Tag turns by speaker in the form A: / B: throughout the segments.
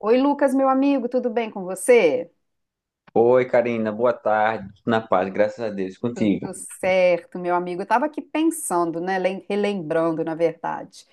A: Oi, Lucas, meu amigo, tudo bem com você?
B: Oi, Karina, boa tarde. Tudo na paz, graças a Deus, contigo.
A: Tudo certo, meu amigo. Eu estava aqui pensando, né, relembrando, na verdade,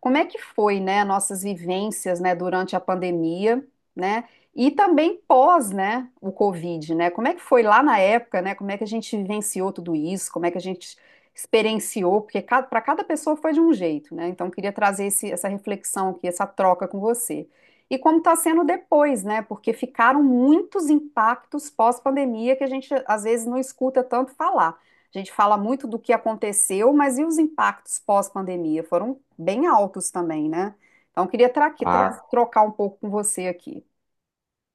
A: como é que foi, né, nossas vivências, né, durante a pandemia, né, e também pós, né, o Covid, né? Como é que foi lá na época, né? Como é que a gente vivenciou tudo isso? Como é que a gente experienciou? Porque para cada pessoa foi de um jeito, né? Então, eu queria trazer essa reflexão aqui, essa troca com você. E como está sendo depois, né? Porque ficaram muitos impactos pós-pandemia que a gente às vezes não escuta tanto falar. A gente fala muito do que aconteceu, mas e os impactos pós-pandemia? Foram bem altos também, né? Então, eu queria
B: Ah,
A: trocar um pouco com você aqui.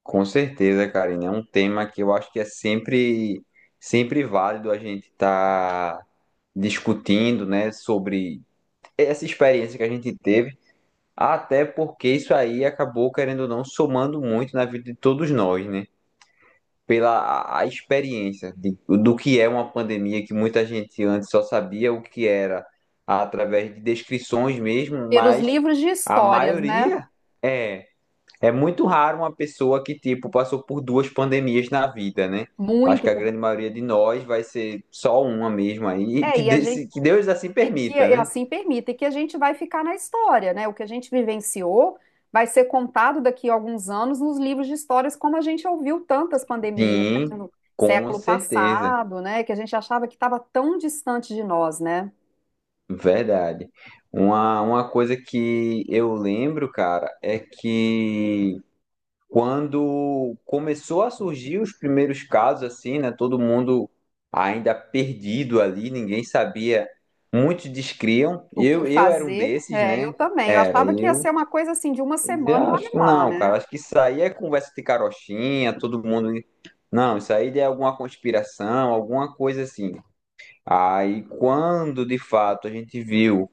B: com certeza, Karina, é um tema que eu acho que é sempre válido a gente estar discutindo, né, sobre essa experiência que a gente teve, até porque isso aí acabou, querendo ou não, somando muito na vida de todos nós, né? Pela a experiência do que é uma pandemia que muita gente antes só sabia o que era através de descrições mesmo,
A: Pelos
B: mas
A: livros de
B: a
A: histórias, né?
B: maioria é é muito raro uma pessoa que tipo passou por duas pandemias na vida, né? Acho
A: Muito.
B: que a grande maioria de nós vai ser só uma mesmo aí,
A: É,
B: que,
A: e a gente
B: desse, que Deus assim
A: E que
B: permita,
A: e
B: né?
A: assim permita, e que a gente vai ficar na história, né? O que a gente vivenciou vai ser contado daqui a alguns anos nos livros de histórias, como a gente ouviu tantas pandemias, né?
B: Sim,
A: No
B: com
A: século
B: certeza,
A: passado, né? Que a gente achava que estava tão distante de nós, né?
B: verdade. Uma coisa que eu lembro, cara, é que quando começou a surgir os primeiros casos, assim, né? Todo mundo ainda perdido ali, ninguém sabia. Muitos descriam.
A: O que
B: Eu era um
A: fazer?
B: desses,
A: É, eu
B: né?
A: também. Eu
B: Era,
A: achava que ia
B: eu
A: ser uma coisa assim de uma
B: dizia,
A: semana e
B: acho
A: olha
B: que
A: lá,
B: não, cara.
A: né?
B: Acho que isso aí é conversa de carochinha, todo mundo. Não, isso aí é alguma conspiração, alguma coisa assim. Aí, quando de fato a gente viu,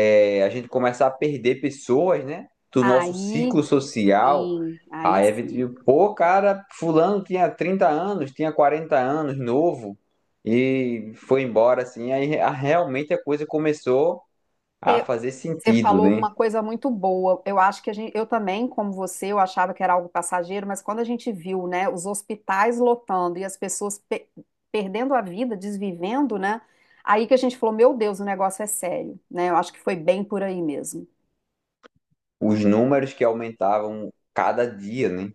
B: a gente começar a perder pessoas, né? Do nosso
A: Aí
B: ciclo social.
A: sim, aí
B: Aí a gente
A: sim.
B: viu, pô, cara, fulano tinha 30 anos, tinha 40 anos, novo, e foi embora, assim. Realmente a coisa começou a
A: É,
B: fazer
A: Você
B: sentido,
A: falou
B: né?
A: uma coisa muito boa. Eu acho que a gente, eu também, como você, eu achava que era algo passageiro, mas quando a gente viu, né, os hospitais lotando e as pessoas perdendo a vida, desvivendo, né, aí que a gente falou, meu Deus, o negócio é sério, né? Eu acho que foi bem por aí mesmo.
B: Os números que aumentavam cada dia, né?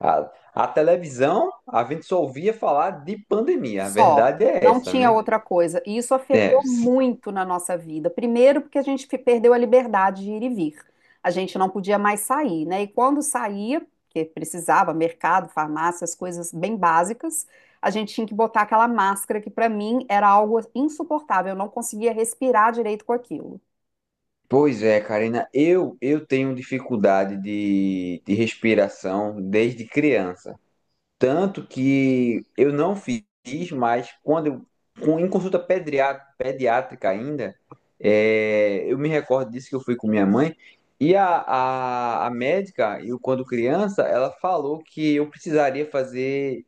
B: A televisão, a gente só ouvia falar de pandemia, a
A: Só,
B: verdade é
A: não
B: essa,
A: tinha
B: né?
A: outra coisa. E isso
B: É,
A: afetou
B: s-
A: muito na nossa vida. Primeiro, porque a gente perdeu a liberdade de ir e vir. A gente não podia mais sair, né? E quando saía, que precisava, mercado, farmácia, as coisas bem básicas, a gente tinha que botar aquela máscara que para mim era algo insuportável. Eu não conseguia respirar direito com aquilo.
B: Pois é, Karina, eu tenho dificuldade de respiração desde criança. Tanto que eu não fiz, mas quando eu, em consulta pediátrica ainda, eu me recordo disso que eu fui com minha mãe, e a médica, eu quando criança, ela falou que eu precisaria fazer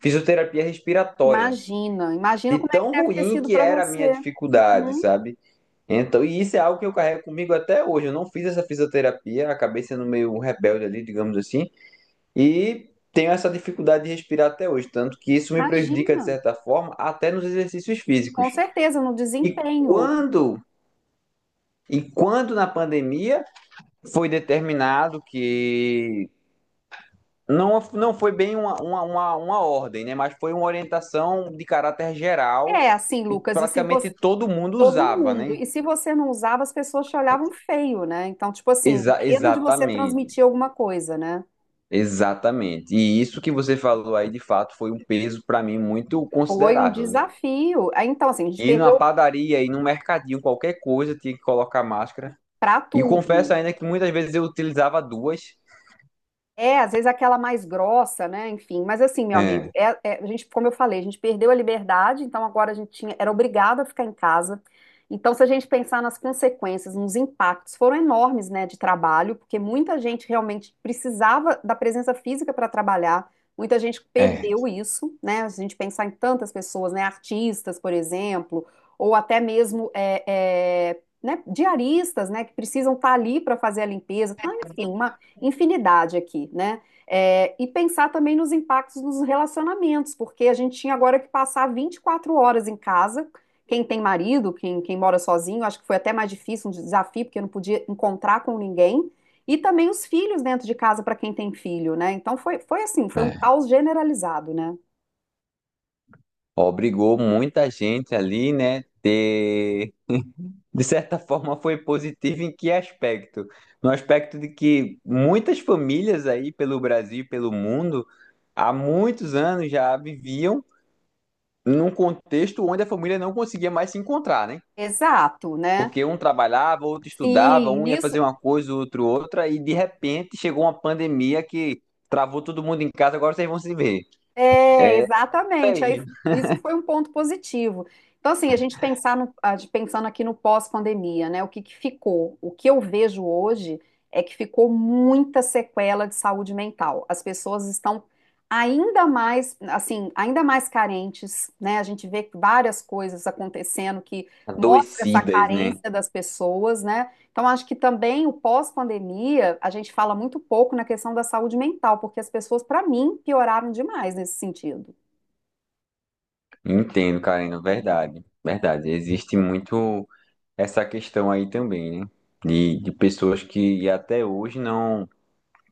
B: fisioterapia respiratória,
A: Imagina, imagina
B: de
A: como é que
B: tão
A: deve ter
B: ruim
A: sido
B: que
A: para
B: era a
A: você.
B: minha dificuldade,
A: Uhum,
B: sabe? Então, e isso é algo que eu carrego comigo até hoje. Eu não fiz essa fisioterapia, acabei sendo meio um rebelde ali, digamos assim. E tenho essa dificuldade de respirar até hoje, tanto que isso me prejudica
A: imagina.
B: de certa forma até nos exercícios físicos.
A: Com certeza, no
B: E
A: desempenho.
B: quando e quando na pandemia foi determinado que não, não foi bem uma ordem, né? Mas foi uma orientação de caráter geral
A: É assim,
B: e
A: Lucas, e se
B: praticamente
A: você
B: todo mundo
A: Todo
B: usava,
A: mundo.
B: né?
A: E se você não usava, as pessoas te olhavam feio, né? Então, tipo assim,
B: Exa
A: medo de você
B: exatamente,
A: transmitir alguma coisa, né?
B: exatamente. E isso que você falou aí, de fato, foi um peso para mim muito
A: Foi um
B: considerável, né?
A: desafio. Aí, então, assim, a gente
B: E numa
A: perdeu
B: padaria, e num mercadinho, qualquer coisa, tinha que colocar máscara.
A: pra
B: E
A: tudo.
B: confesso ainda que muitas vezes eu utilizava duas.
A: É, às vezes aquela mais grossa, né? Enfim, mas assim, meu amigo,
B: É,
A: a gente, como eu falei, a gente perdeu a liberdade, então agora a gente tinha, era obrigado a ficar em casa. Então, se a gente pensar nas consequências, nos impactos, foram enormes, né, de trabalho, porque muita gente realmente precisava da presença física para trabalhar, muita gente
B: é,
A: perdeu isso, né? Se a gente pensar em tantas pessoas, né, artistas, por exemplo, ou até mesmo né, diaristas, né, que precisam estar ali para fazer a limpeza, então, enfim, uma infinidade aqui, né? É, e pensar também nos impactos nos relacionamentos, porque a gente tinha agora que passar 24 horas em casa. Quem tem marido, quem mora sozinho, acho que foi até mais difícil, um desafio, porque não podia encontrar com ninguém. E também os filhos dentro de casa para quem tem filho, né? Então foi assim, foi um
B: é.
A: caos generalizado, né?
B: Obrigou muita gente ali, né? Ter... De certa forma foi positivo em que aspecto? No aspecto de que muitas famílias aí pelo Brasil e pelo mundo há muitos anos já viviam num contexto onde a família não conseguia mais se encontrar, né?
A: Exato, né?
B: Porque um trabalhava, outro estudava,
A: Sim,
B: um ia
A: nisso
B: fazer uma coisa, o outro outra, e de repente chegou uma pandemia que travou todo mundo em casa, agora vocês vão se ver.
A: É,
B: É isso
A: exatamente. Aí
B: aí.
A: isso foi um ponto positivo. Então, assim, a gente pensar a gente pensando aqui no pós-pandemia, né? O que que ficou? O que eu vejo hoje é que ficou muita sequela de saúde mental. As pessoas estão ainda mais, assim, ainda mais carentes, né? A gente vê várias coisas acontecendo que mostra essa
B: Adoecidas, né?
A: carência das pessoas, né? Então, acho que também o pós-pandemia, a gente fala muito pouco na questão da saúde mental, porque as pessoas, para mim, pioraram demais nesse sentido.
B: Entendo, Karina, verdade. Verdade. Existe muito essa questão aí também, né? De pessoas que até hoje não,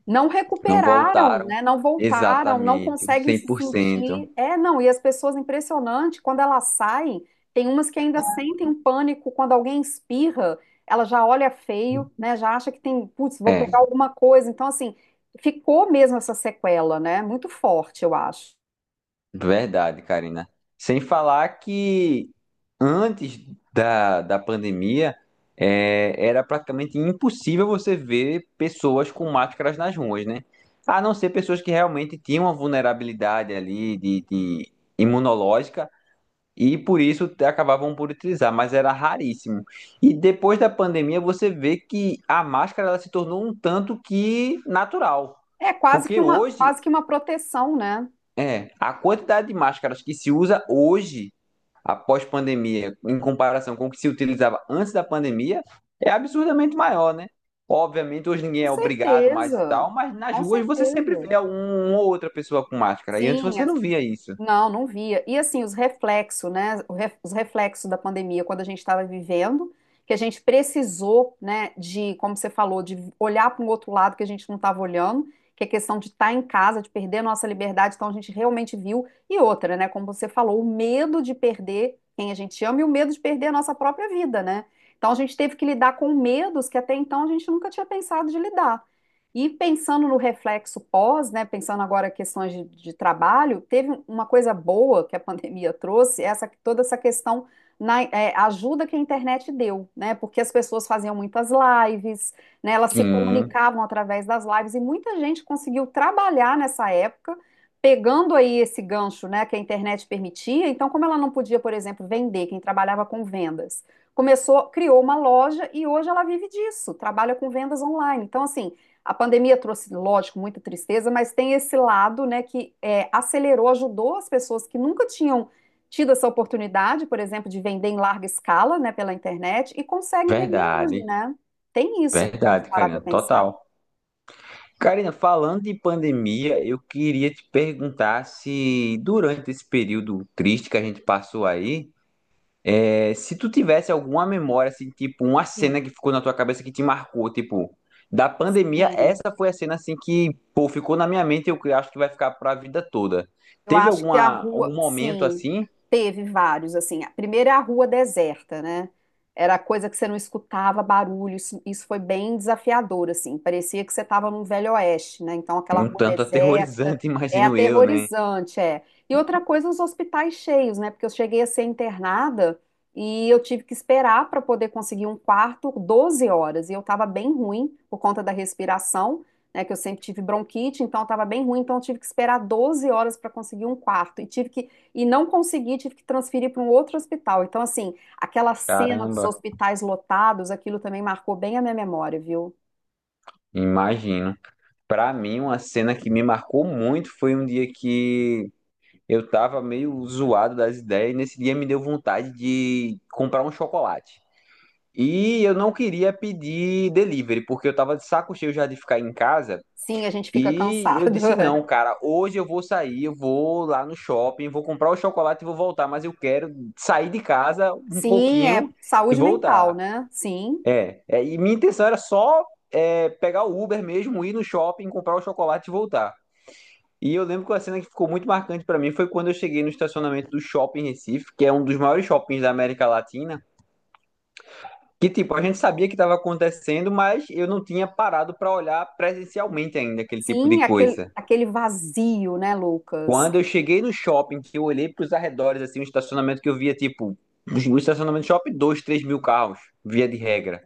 A: Não
B: não
A: recuperaram,
B: voltaram
A: né? Não voltaram, não
B: exatamente, o
A: conseguem
B: cem
A: se
B: por cento
A: sentir. É, não, e as pessoas, impressionante, quando elas saem, tem umas que ainda sentem um pânico quando alguém espirra, ela já olha feio, né? Já acha que tem, putz, vou pegar
B: É.
A: alguma coisa. Então, assim, ficou mesmo essa sequela, né? Muito forte, eu acho.
B: Verdade, Karina. Sem falar que antes da pandemia, era praticamente impossível você ver pessoas com máscaras nas ruas, né? A não ser pessoas que realmente tinham uma vulnerabilidade ali de imunológica e por isso acabavam por utilizar, mas era raríssimo. E depois da pandemia, você vê que a máscara ela se tornou um tanto que natural.
A: É
B: Porque hoje
A: quase que uma proteção, né?
B: a quantidade de máscaras que se usa hoje, após pandemia, em comparação com o que se utilizava antes da pandemia, é absurdamente maior, né? Obviamente, hoje ninguém
A: Com
B: é obrigado mais e tal,
A: certeza,
B: mas nas
A: com
B: ruas você sempre
A: certeza.
B: vê uma ou outra pessoa com máscara. E antes
A: Sim,
B: você não via isso.
A: não, não via. E assim, os reflexos, né? Os reflexos da pandemia, quando a gente estava vivendo, que a gente precisou, né, de, como você falou, de olhar para um outro lado que a gente não estava olhando, que é questão de estar em casa, de perder a nossa liberdade, então a gente realmente viu. E outra, né, como você falou, o medo de perder quem a gente ama e o medo de perder a nossa própria vida, né? Então a gente teve que lidar com medos que até então a gente nunca tinha pensado de lidar. E pensando no reflexo pós, né, pensando agora em questões de trabalho, teve uma coisa boa que a pandemia trouxe, essa, toda essa questão na é, ajuda que a internet deu, né? Porque as pessoas faziam muitas lives, né, elas se
B: Sim,
A: comunicavam através das lives e muita gente conseguiu trabalhar nessa época, pegando aí esse gancho, né, que a internet permitia. Então, como ela não podia, por exemplo, vender, quem trabalhava com vendas, começou, criou uma loja e hoje ela vive disso, trabalha com vendas online. Então, assim, a pandemia trouxe, lógico, muita tristeza, mas tem esse lado, né, que é, acelerou, ajudou as pessoas que nunca tinham tido essa oportunidade, por exemplo, de vender em larga escala, né, pela internet, e conseguem vender hoje,
B: verdade.
A: né? Tem isso, de a gente
B: Verdade,
A: parar para
B: Karina,
A: pensar.
B: total. Karina, falando de pandemia, eu queria te perguntar se durante esse período triste que a gente passou aí, se tu tivesse alguma memória, assim, tipo, uma
A: Sim,
B: cena que ficou na tua cabeça que te marcou, tipo, da pandemia,
A: sim.
B: essa foi a cena, assim, que, pô, ficou na minha mente e eu acho que vai ficar pra vida toda.
A: Eu
B: Teve
A: acho que a
B: alguma, algum
A: rua,
B: momento,
A: sim,
B: assim,
A: teve vários, assim. A primeira é a rua deserta, né? Era coisa que você não escutava barulho, isso foi bem desafiador, assim. Parecia que você estava num velho oeste, né? Então aquela
B: um
A: rua
B: tanto
A: deserta
B: aterrorizante,
A: é
B: imagino eu, né?
A: aterrorizante, é. E outra coisa, os hospitais cheios, né? Porque eu cheguei a ser internada e eu tive que esperar para poder conseguir um quarto 12 horas, e eu estava bem ruim por conta da respiração né, que eu sempre tive bronquite, então eu estava bem ruim, então eu tive que esperar 12 horas para conseguir um quarto e tive que e não consegui, tive que transferir para um outro hospital. Então assim, aquela cena dos
B: Caramba,
A: hospitais lotados, aquilo também marcou bem a minha memória, viu?
B: imagino. Pra mim, uma cena que me marcou muito foi um dia que eu tava meio zoado das ideias e nesse dia me deu vontade de comprar um chocolate. E eu não queria pedir delivery, porque eu tava de saco cheio já de ficar em casa.
A: Sim, a gente fica
B: E eu
A: cansado.
B: disse: não, cara, hoje eu vou sair, eu vou lá no shopping, vou comprar o chocolate e vou voltar, mas eu quero sair de casa um
A: Sim, é
B: pouquinho e
A: saúde mental,
B: voltar.
A: né? Sim.
B: E minha intenção era só pegar o Uber mesmo, ir no shopping, comprar o chocolate e voltar. E eu lembro que a cena que ficou muito marcante pra mim foi quando eu cheguei no estacionamento do Shopping Recife, que é um dos maiores shoppings da América Latina. Que tipo, a gente sabia que estava acontecendo, mas eu não tinha parado para olhar presencialmente ainda aquele tipo de
A: Sim,
B: coisa.
A: aquele vazio, né, Lucas?
B: Quando eu cheguei no shopping, que eu olhei para os arredores, assim, um estacionamento que eu via, tipo, um estacionamento de shopping, dois, 3 mil carros, via de regra.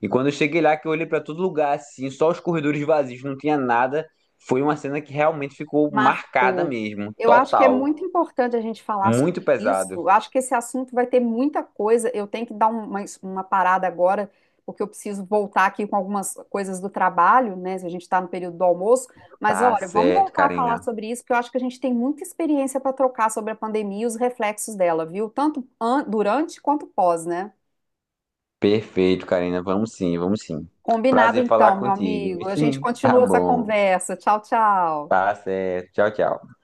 B: E quando eu cheguei lá, que eu olhei para todo lugar, assim, só os corredores vazios, não tinha nada, foi uma cena que realmente ficou marcada
A: Marcou.
B: mesmo,
A: Eu acho que é
B: total.
A: muito importante a gente falar sobre
B: Muito
A: isso.
B: pesado.
A: Eu acho que esse assunto vai ter muita coisa. Eu tenho que dar uma parada agora, porque eu preciso voltar aqui com algumas coisas do trabalho, né? Se a gente está no período do almoço. Mas
B: Tá
A: olha, vamos
B: certo,
A: voltar a falar
B: Karina.
A: sobre isso, porque eu acho que a gente tem muita experiência para trocar sobre a pandemia e os reflexos dela, viu? Tanto durante quanto pós, né?
B: Perfeito, Karina. Vamos sim, vamos sim.
A: Combinado
B: Prazer falar
A: então, meu
B: contigo.
A: amigo. A gente
B: Tá
A: continua essa
B: bom.
A: conversa. Tchau, tchau.
B: Tá certo. Tchau, tchau.